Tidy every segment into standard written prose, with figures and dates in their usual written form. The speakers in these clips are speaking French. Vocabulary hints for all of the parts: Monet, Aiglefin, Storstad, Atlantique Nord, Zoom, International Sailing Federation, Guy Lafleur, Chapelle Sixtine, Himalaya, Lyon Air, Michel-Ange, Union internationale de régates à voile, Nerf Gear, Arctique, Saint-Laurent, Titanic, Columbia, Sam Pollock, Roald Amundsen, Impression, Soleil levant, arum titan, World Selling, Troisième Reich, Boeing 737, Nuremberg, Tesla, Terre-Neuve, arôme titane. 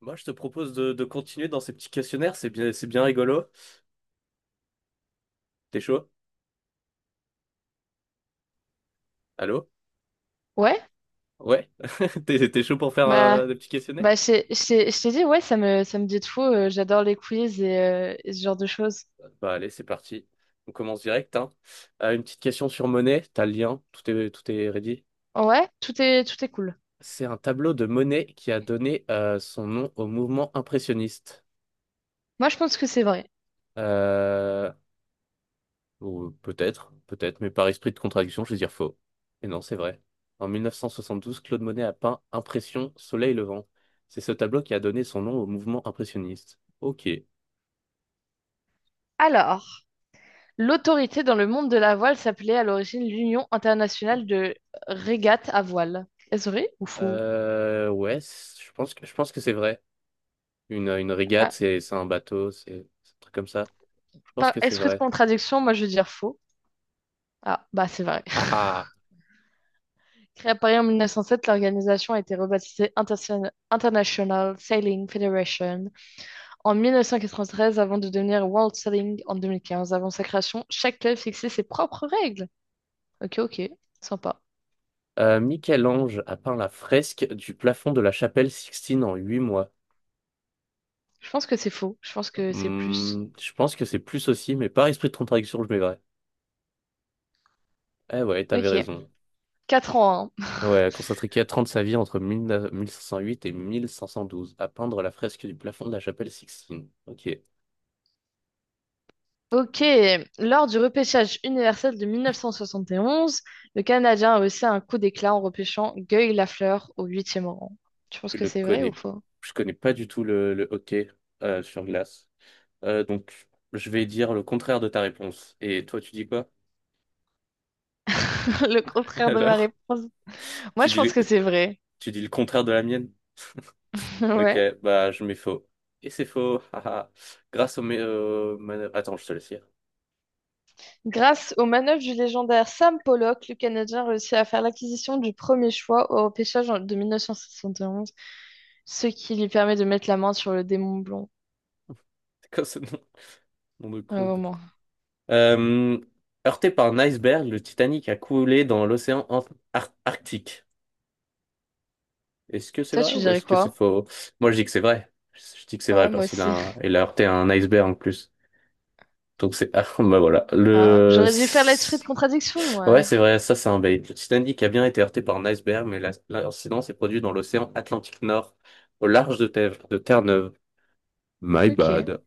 Moi, je te propose de continuer dans ces petits questionnaires, c'est bien rigolo. T'es chaud? Allô? Ouais, Ouais? T'es chaud pour faire bah, des petits bah questionnaires? je t'ai dit, ouais, ça me dit de fou. J'adore les quiz et ce genre de choses. Bah allez, c'est parti. On commence direct, hein. Une petite question sur Monet, t'as le lien, tout est ready. Ouais, tout est cool. C'est un tableau de Monet qui a donné son nom au mouvement impressionniste. Moi, je pense que c'est vrai. Euh, Ou peut-être, peut-être, mais par esprit de contradiction, je vais dire faux. Et non, c'est vrai. En 1972, Claude Monet a peint Impression, Soleil levant. C'est ce tableau qui a donné son nom au mouvement impressionniste. Ok. Alors, l'autorité dans le monde de la voile s'appelait à l'origine l'Union internationale de régates à voile. Est-ce vrai ou faux? Ouais, je pense que c'est vrai. Une régate, Ah, c'est un bateau, c'est un truc comme ça. Je pense par que c'est esprit de vrai. contradiction, moi, je veux dire faux. Ah, bah, c'est vrai. Haha. Créée à Paris en 1907, l'organisation a été rebaptisée International Sailing Federation. En 1993, avant de devenir World Selling en 2015, avant sa création, chaque club fixait ses propres règles. Ok, ok, sympa. Michel-Ange a peint la fresque du plafond de la chapelle Sixtine en 8 mois. Je pense que c'est faux, je pense que c'est plus. Je pense que c'est plus aussi, mais par esprit de contradiction, je mets vrai. Eh ouais, t'avais Ok, raison. 4 ans. Hein. Ouais, Constantin trente sa vie entre 1508 et 1512 à peindre la fresque du plafond de la chapelle Sixtine. Ok, Ok, lors du repêchage universel de 1971, le Canadien a aussi un coup d'éclat en repêchant Guy Lafleur au huitième rang. Tu penses je que le c'est vrai ou connais, faux? je connais pas du tout le hockey sur glace. Donc, je vais dire le contraire de ta réponse. Et toi, tu dis quoi? Le contraire de ma Alors, réponse. Moi, tu je dis, pense le- que c'est vrai. tu dis le contraire de la mienne? Ok, Ouais. bah je mets faux. Et c'est faux. haha. Grâce au... mé- man- Attends, je te laisse lire. Grâce aux manœuvres du légendaire Sam Pollock, le Canadien réussit à faire l'acquisition du premier choix au repêchage de 1971, ce qui lui permet de mettre la main sur le démon blond C'est quoi ce nom? Nom de à un con. moment. Euh, Heurté par un iceberg, le Titanic a coulé dans l'océan Arctique. Est-ce que c'est Toi, vrai tu ou dirais est-ce que c'est quoi? faux? Moi, je dis que c'est vrai. Je dis que c'est vrai Ouais, moi parce qu'il a, aussi. un- il a heurté un iceberg en plus. Ah, bah voilà. Ah, j'aurais dû faire l'esprit de contradiction, ouais. Ouais, c'est vrai, ça c'est un bait. Le Titanic a bien été heurté par un iceberg, mais l'incident s'est produit dans l'océan Atlantique Nord, au large de Terre-Neuve. My Ok. bad.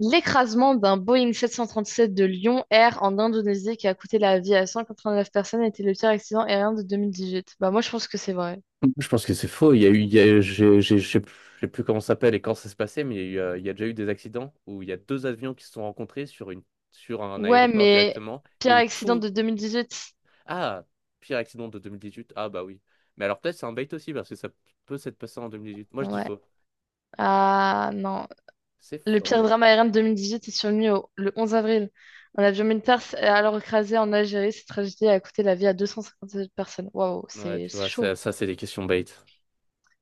L'écrasement d'un Boeing 737 de Lyon Air en Indonésie qui a coûté la vie à 189 personnes était le pire accident aérien de 2018. Bah, moi, je pense que c'est vrai. Je pense que c'est faux. Il y a eu, il y a- j'ai, je sais plus comment ça s'appelle et quand ça s'est passé, mais il y a déjà eu des accidents où il y a deux avions qui se sont rencontrés sur sur un Ouais, aéroport mais directement et pire où accident tout. de 2018? Ah, pire accident de 2018. Ah bah oui. Mais alors peut-être c'est un bait aussi parce que ça peut s'être passé en 2018. Moi je dis Ouais. faux. Ah, non. C'est Le pire faux. drame aérien de 2018 est survenu le 11 avril. Un avion militaire s'est alors écrasé en Algérie. Cette tragédie a coûté la vie à 257 personnes. Waouh, Ouais, c'est tu c'est vois, ça, chaud. ça, c'est des questions bait.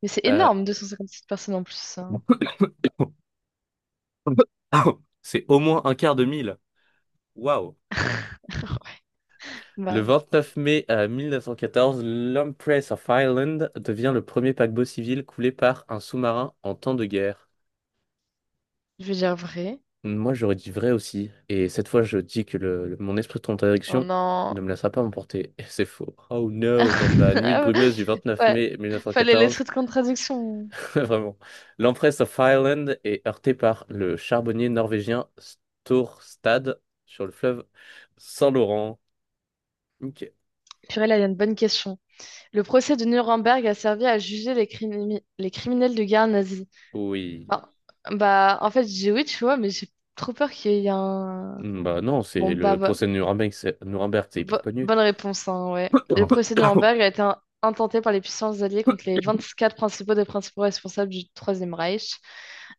Mais c'est Euh, énorme, 257 personnes en plus. Hein. C'est au moins un quart de mille. Waouh. Le Bah, 29 mai 1914, l'Empress of Ireland devient le premier paquebot civil coulé par un sous-marin en temps de guerre. je vais dire vrai. Moi, j'aurais dit vrai aussi. Et cette fois, je dis que mon esprit de Oh contradiction non. ne me laissera pas m'emporter. Et c'est faux. Oh no, dans la nuit brumeuse du 29 Ouais, mai fallait les 1914, trucs de contradiction. vraiment, l'Empress of Ireland est heurtée par le charbonnier norvégien Storstad sur le fleuve Saint-Laurent. Ok. Purée, là, il y a une bonne question. Le procès de Nuremberg a servi à juger les criminels de guerre nazis. Oui. Bah, bah, en fait, j'ai oui, tu vois, mais j'ai trop peur qu'il y ait un... Bah non, Bon, c'est le procès de Nuremberg, c'est hyper connu. bonne réponse, hein, ouais. Le procès de Nuremberg a été intenté par les puissances alliées contre les 24 principaux des principaux responsables du Troisième Reich.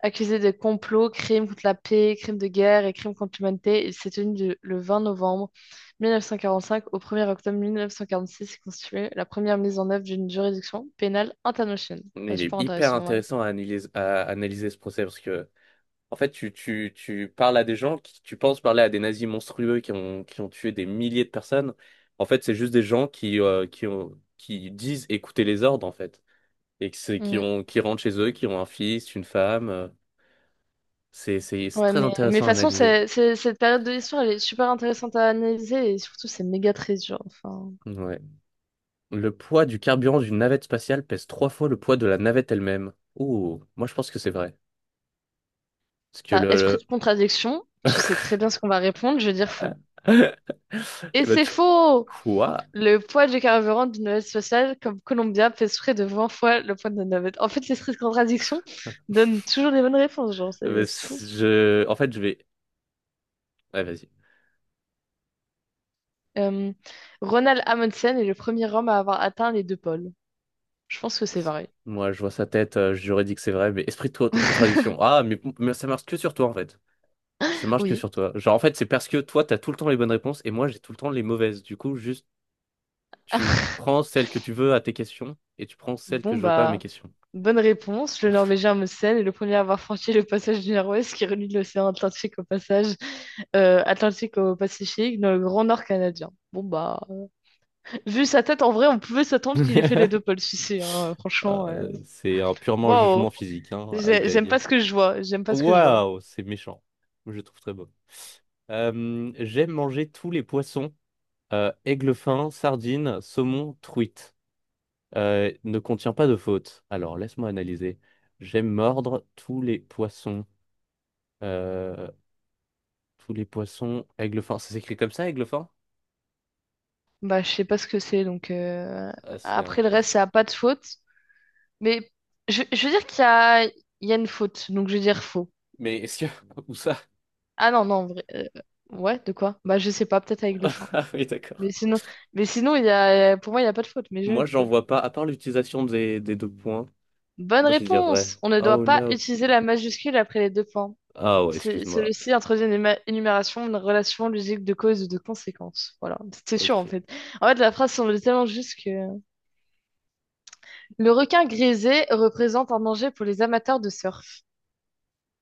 Accusés de complots, crimes contre la paix, crimes de guerre et crimes contre l'humanité, il s'est tenu le 20 novembre 1945 au 1er octobre 1946 et constitué la première mise en œuvre d'une juridiction pénale internationale. Bah, Il est super hyper intéressant, ouais. intéressant à analyser ce procès. Parce que En fait, tu parles à des gens qui, tu penses parler à des nazis monstrueux qui ont tué des milliers de personnes. En fait, c'est juste des gens qui disent écouter les ordres, en fait. Et que c'est, qui Mm. ont, qui rentrent chez eux, qui ont un fils, une femme. C'est Ouais, très mais de toute intéressant à façon, analyser. Cette période de l'histoire, elle est super intéressante à analyser et surtout, c'est méga très dur. Enfin, Ouais. Le poids du carburant d'une navette spatiale pèse trois fois le poids de la navette elle-même. Ouh, moi je pense que c'est vrai. Parce que par esprit de contradiction, tu sais le- très bien ce qu'on va répondre, je vais dire faux. Et Eh ben, c'est faux! Quoi? Le poids du carburant d'une navette spatiale comme Columbia pèse près de 20 fois le poids de notre navette. En fait, l'esprit de contradiction donne toujours les bonnes réponses, genre, Eh c'est ben, c'est fou. je... En fait, je vais... Ouais, vas-y. Euh, Ronald Amundsen est le premier homme à avoir atteint les deux pôles. Je pense que c'est vrai. Moi, je vois sa tête, j'aurais dit que c'est vrai, mais esprit de contradiction. Ah, mais ça marche que sur toi, en fait. Ça marche que Oui. sur toi. Genre, en fait, c'est parce que toi, t'as tout le temps les bonnes réponses et moi, j'ai tout le temps les mauvaises. Du coup, juste, tu prends celles que tu veux à tes questions et tu prends celles que Bon, je veux pas à mes bah, questions. bonne réponse. Le Norvégien Amundsen est le premier à avoir franchi le passage du Nord-Ouest qui relie l'océan Atlantique au passage Atlantique au Pacifique, dans le Grand Nord canadien. Bon bah, vu sa tête, en vrai, on pouvait s'attendre qu'il ait fait les deux pôles ici, hein, franchement. C'est un purement jugement Waouh, physique, hein. I j'aime beg. pas ce que je vois, j'aime pas ce que je vois. Waouh, c'est méchant. Je le trouve très beau. J'aime manger tous les poissons. Aigle fin, sardine, saumon, truite. Ne contient pas de faute. Alors, laisse-moi analyser. J'aime mordre tous les poissons. Euh, Tous les poissons. Aiglefin. Ça s'écrit comme ça, Aiglefin? Bah, je sais pas ce que c'est, donc Ah, c'est un... après le reste, ça a pas de faute. Mais je veux dire qu'il y a, il y a une faute, donc je veux dire faux. Mais est-ce que... Où ça? Ah non, non, en vrai, ouais, de quoi? Bah, je sais pas, peut-être avec le fin. Ah oui, Mais d'accord. sinon, mais sinon, il y a, pour moi, il y a pas de faute, mais je vais Moi, être j'en faux. vois pas. À part l'utilisation des deux points, Bonne moi, je vais dire vrai. réponse! On ne doit Oh, pas no. utiliser la majuscule après les deux points. Ah, ouais, excuse-moi. Celui-ci introduit une énumération de relations logiques de causes et de conséquences. Voilà, c'est sûr en Ok. fait. En fait, la phrase semble tellement juste que... Le requin grisé représente un danger pour les amateurs de surf.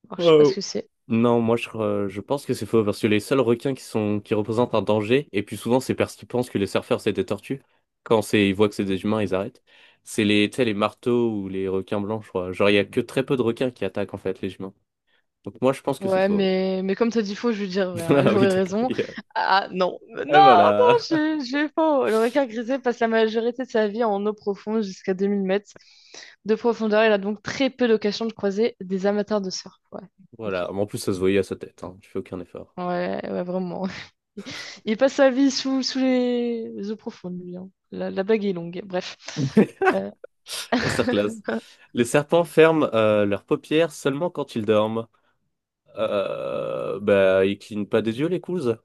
Alors, je sais pas Euh, ce que c'est. Non, moi je pense que c'est faux parce que les seuls requins qui représentent un danger, et puis souvent c'est parce qu'ils pensent que les surfeurs c'est des tortues. Quand c'est ils voient que c'est des humains, ils arrêtent. C'est les, tu sais, les marteaux ou les requins blancs, je crois. Genre il y a que très peu de requins qui attaquent en fait les humains. Donc moi je pense que c'est Ouais, faux. mais comme t'as dit faux, je veux dire vrai, hein, et Ah oui, j'aurais d'accord. raison. il Ah non, non, Et non, voilà. j'ai faux. Le requin grisé passe la majorité de sa vie en eau profonde jusqu'à 2 000 mètres de profondeur. Il a donc très peu d'occasion de croiser des amateurs de surf. Ouais, ok. Voilà. Mais en plus ça se voyait à sa tête, hein. Tu fais aucun effort. Ouais, ouais, vraiment. Il il passe sa vie sous les eaux profondes, lui. Hein. La blague est longue, bref. Euh, Masterclass. Les serpents ferment leurs paupières seulement quand ils dorment. Bah ils clignent pas des yeux les couzes.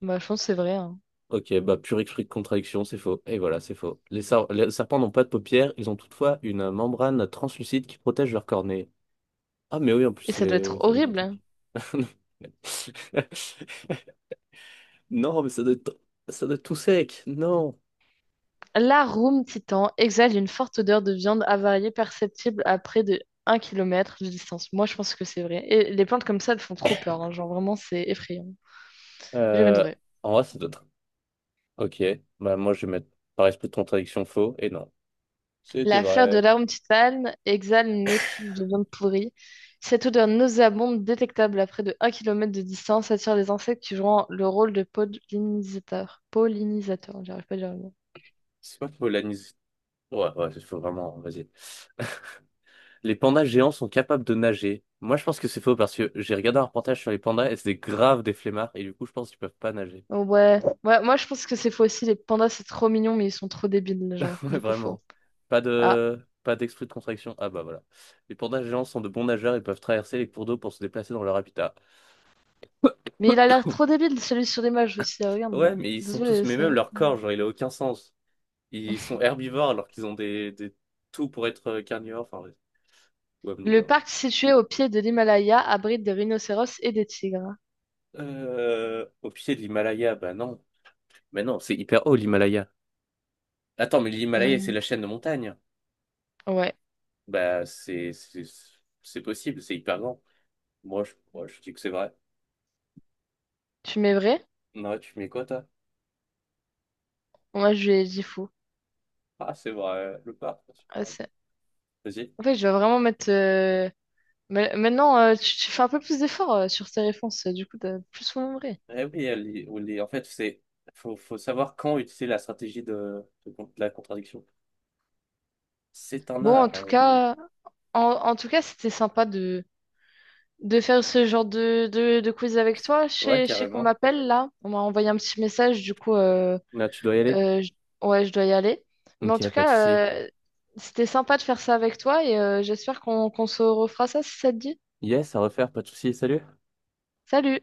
Bah, je pense que c'est vrai. Hein. Ok, bah pure esprit de contradiction, c'est faux. Et voilà, c'est faux. Les serpents n'ont pas de paupières, ils ont toutefois une membrane translucide qui protège leur cornée. Ah mais oui, en plus, Et ça doit c'est... être Oui, ça me dit un horrible. Hein. truc. Non, mais ça doit être tout sec. Non. L'arum titan exhale une forte odeur de viande avariée perceptible à près de 1 kilomètre de distance. Moi, je pense que c'est vrai. Et les plantes comme ça, elles font trop peur. Hein. Genre, vraiment, c'est effrayant. J'ai jamais de Euh, vrai. En vrai, ça doit être... Ok, bah moi je vais mettre par esprit de contradiction faux et non. C'était La fleur de vrai. l'arôme titane exhale une effluve de viande pourrie. Cette odeur nauséabonde, détectable à près de un kilomètre de distance, attire les insectes qui jouent le rôle de pollinisateurs. Pollinisateurs, j'arrive pas à dire le mot. C'est pas faux, l'anis. Ouais, ouais, c'est faux, vraiment, vas-y. Les pandas géants sont capables de nager. Moi, je pense que c'est faux parce que j'ai regardé un reportage sur les pandas et c'était grave des flemmards et du coup, je pense qu'ils peuvent pas nager. Oh, ouais. Ouais, moi je pense que c'est faux aussi. Les pandas, c'est trop mignon, mais ils sont trop débiles, les gens. Ouais, Du coup, faux. vraiment. Pas Ah. de, pas d'esprit de contraction. Ah bah voilà. Les pandas géants sont de bons nageurs et peuvent traverser les cours d'eau pour se déplacer dans leur habitat. Mais il a l'air trop débile, celui sur l'image aussi. Ah, regarde Ouais, là. mais Ça se voit, les- même ça- leur corps, genre, il a aucun sens. Ils sont herbivores alors qu'ils ont des tout pour être carnivores, enfin, ouais, ou Le omnivores. parc situé au pied de l'Himalaya abrite des rhinocéros et des tigres. Au pied de l'Himalaya, bah non. Mais non, c'est hyper haut l'Himalaya. Attends, mais l'Himalaya, c'est Hmm. la chaîne de montagne. Ouais. Bah, c'est possible, c'est hyper grand. Moi, je dis que c'est vrai. Tu mets vrai? Non, tu mets quoi, toi? Moi, je lui ai dit faux. Ah, c'est vrai, le parc national. Vas-y. En fait, je vais vraiment mettre. Maintenant, tu fais un peu plus d'efforts sur tes réponses. Du coup, t'as plus nombré. Eh oui, elle y- on y- en fait, c'est faut savoir quand utiliser la stratégie la contradiction. C'est un Bon, en art. ah, tout on y- cas, c'était sympa de faire ce genre de quiz avec toi. Je Ouais, sais, je sais qu'on carrément. m'appelle là. On m'a envoyé un petit message. Du coup, Là, tu dois y aller. euh, je- ouais, je dois y aller. Mais en Ok, tout pas de souci. cas, c'était sympa de faire ça avec toi et j'espère qu'on se refera ça si ça te dit. Yes, à refaire, pas de souci. Salut. Salut!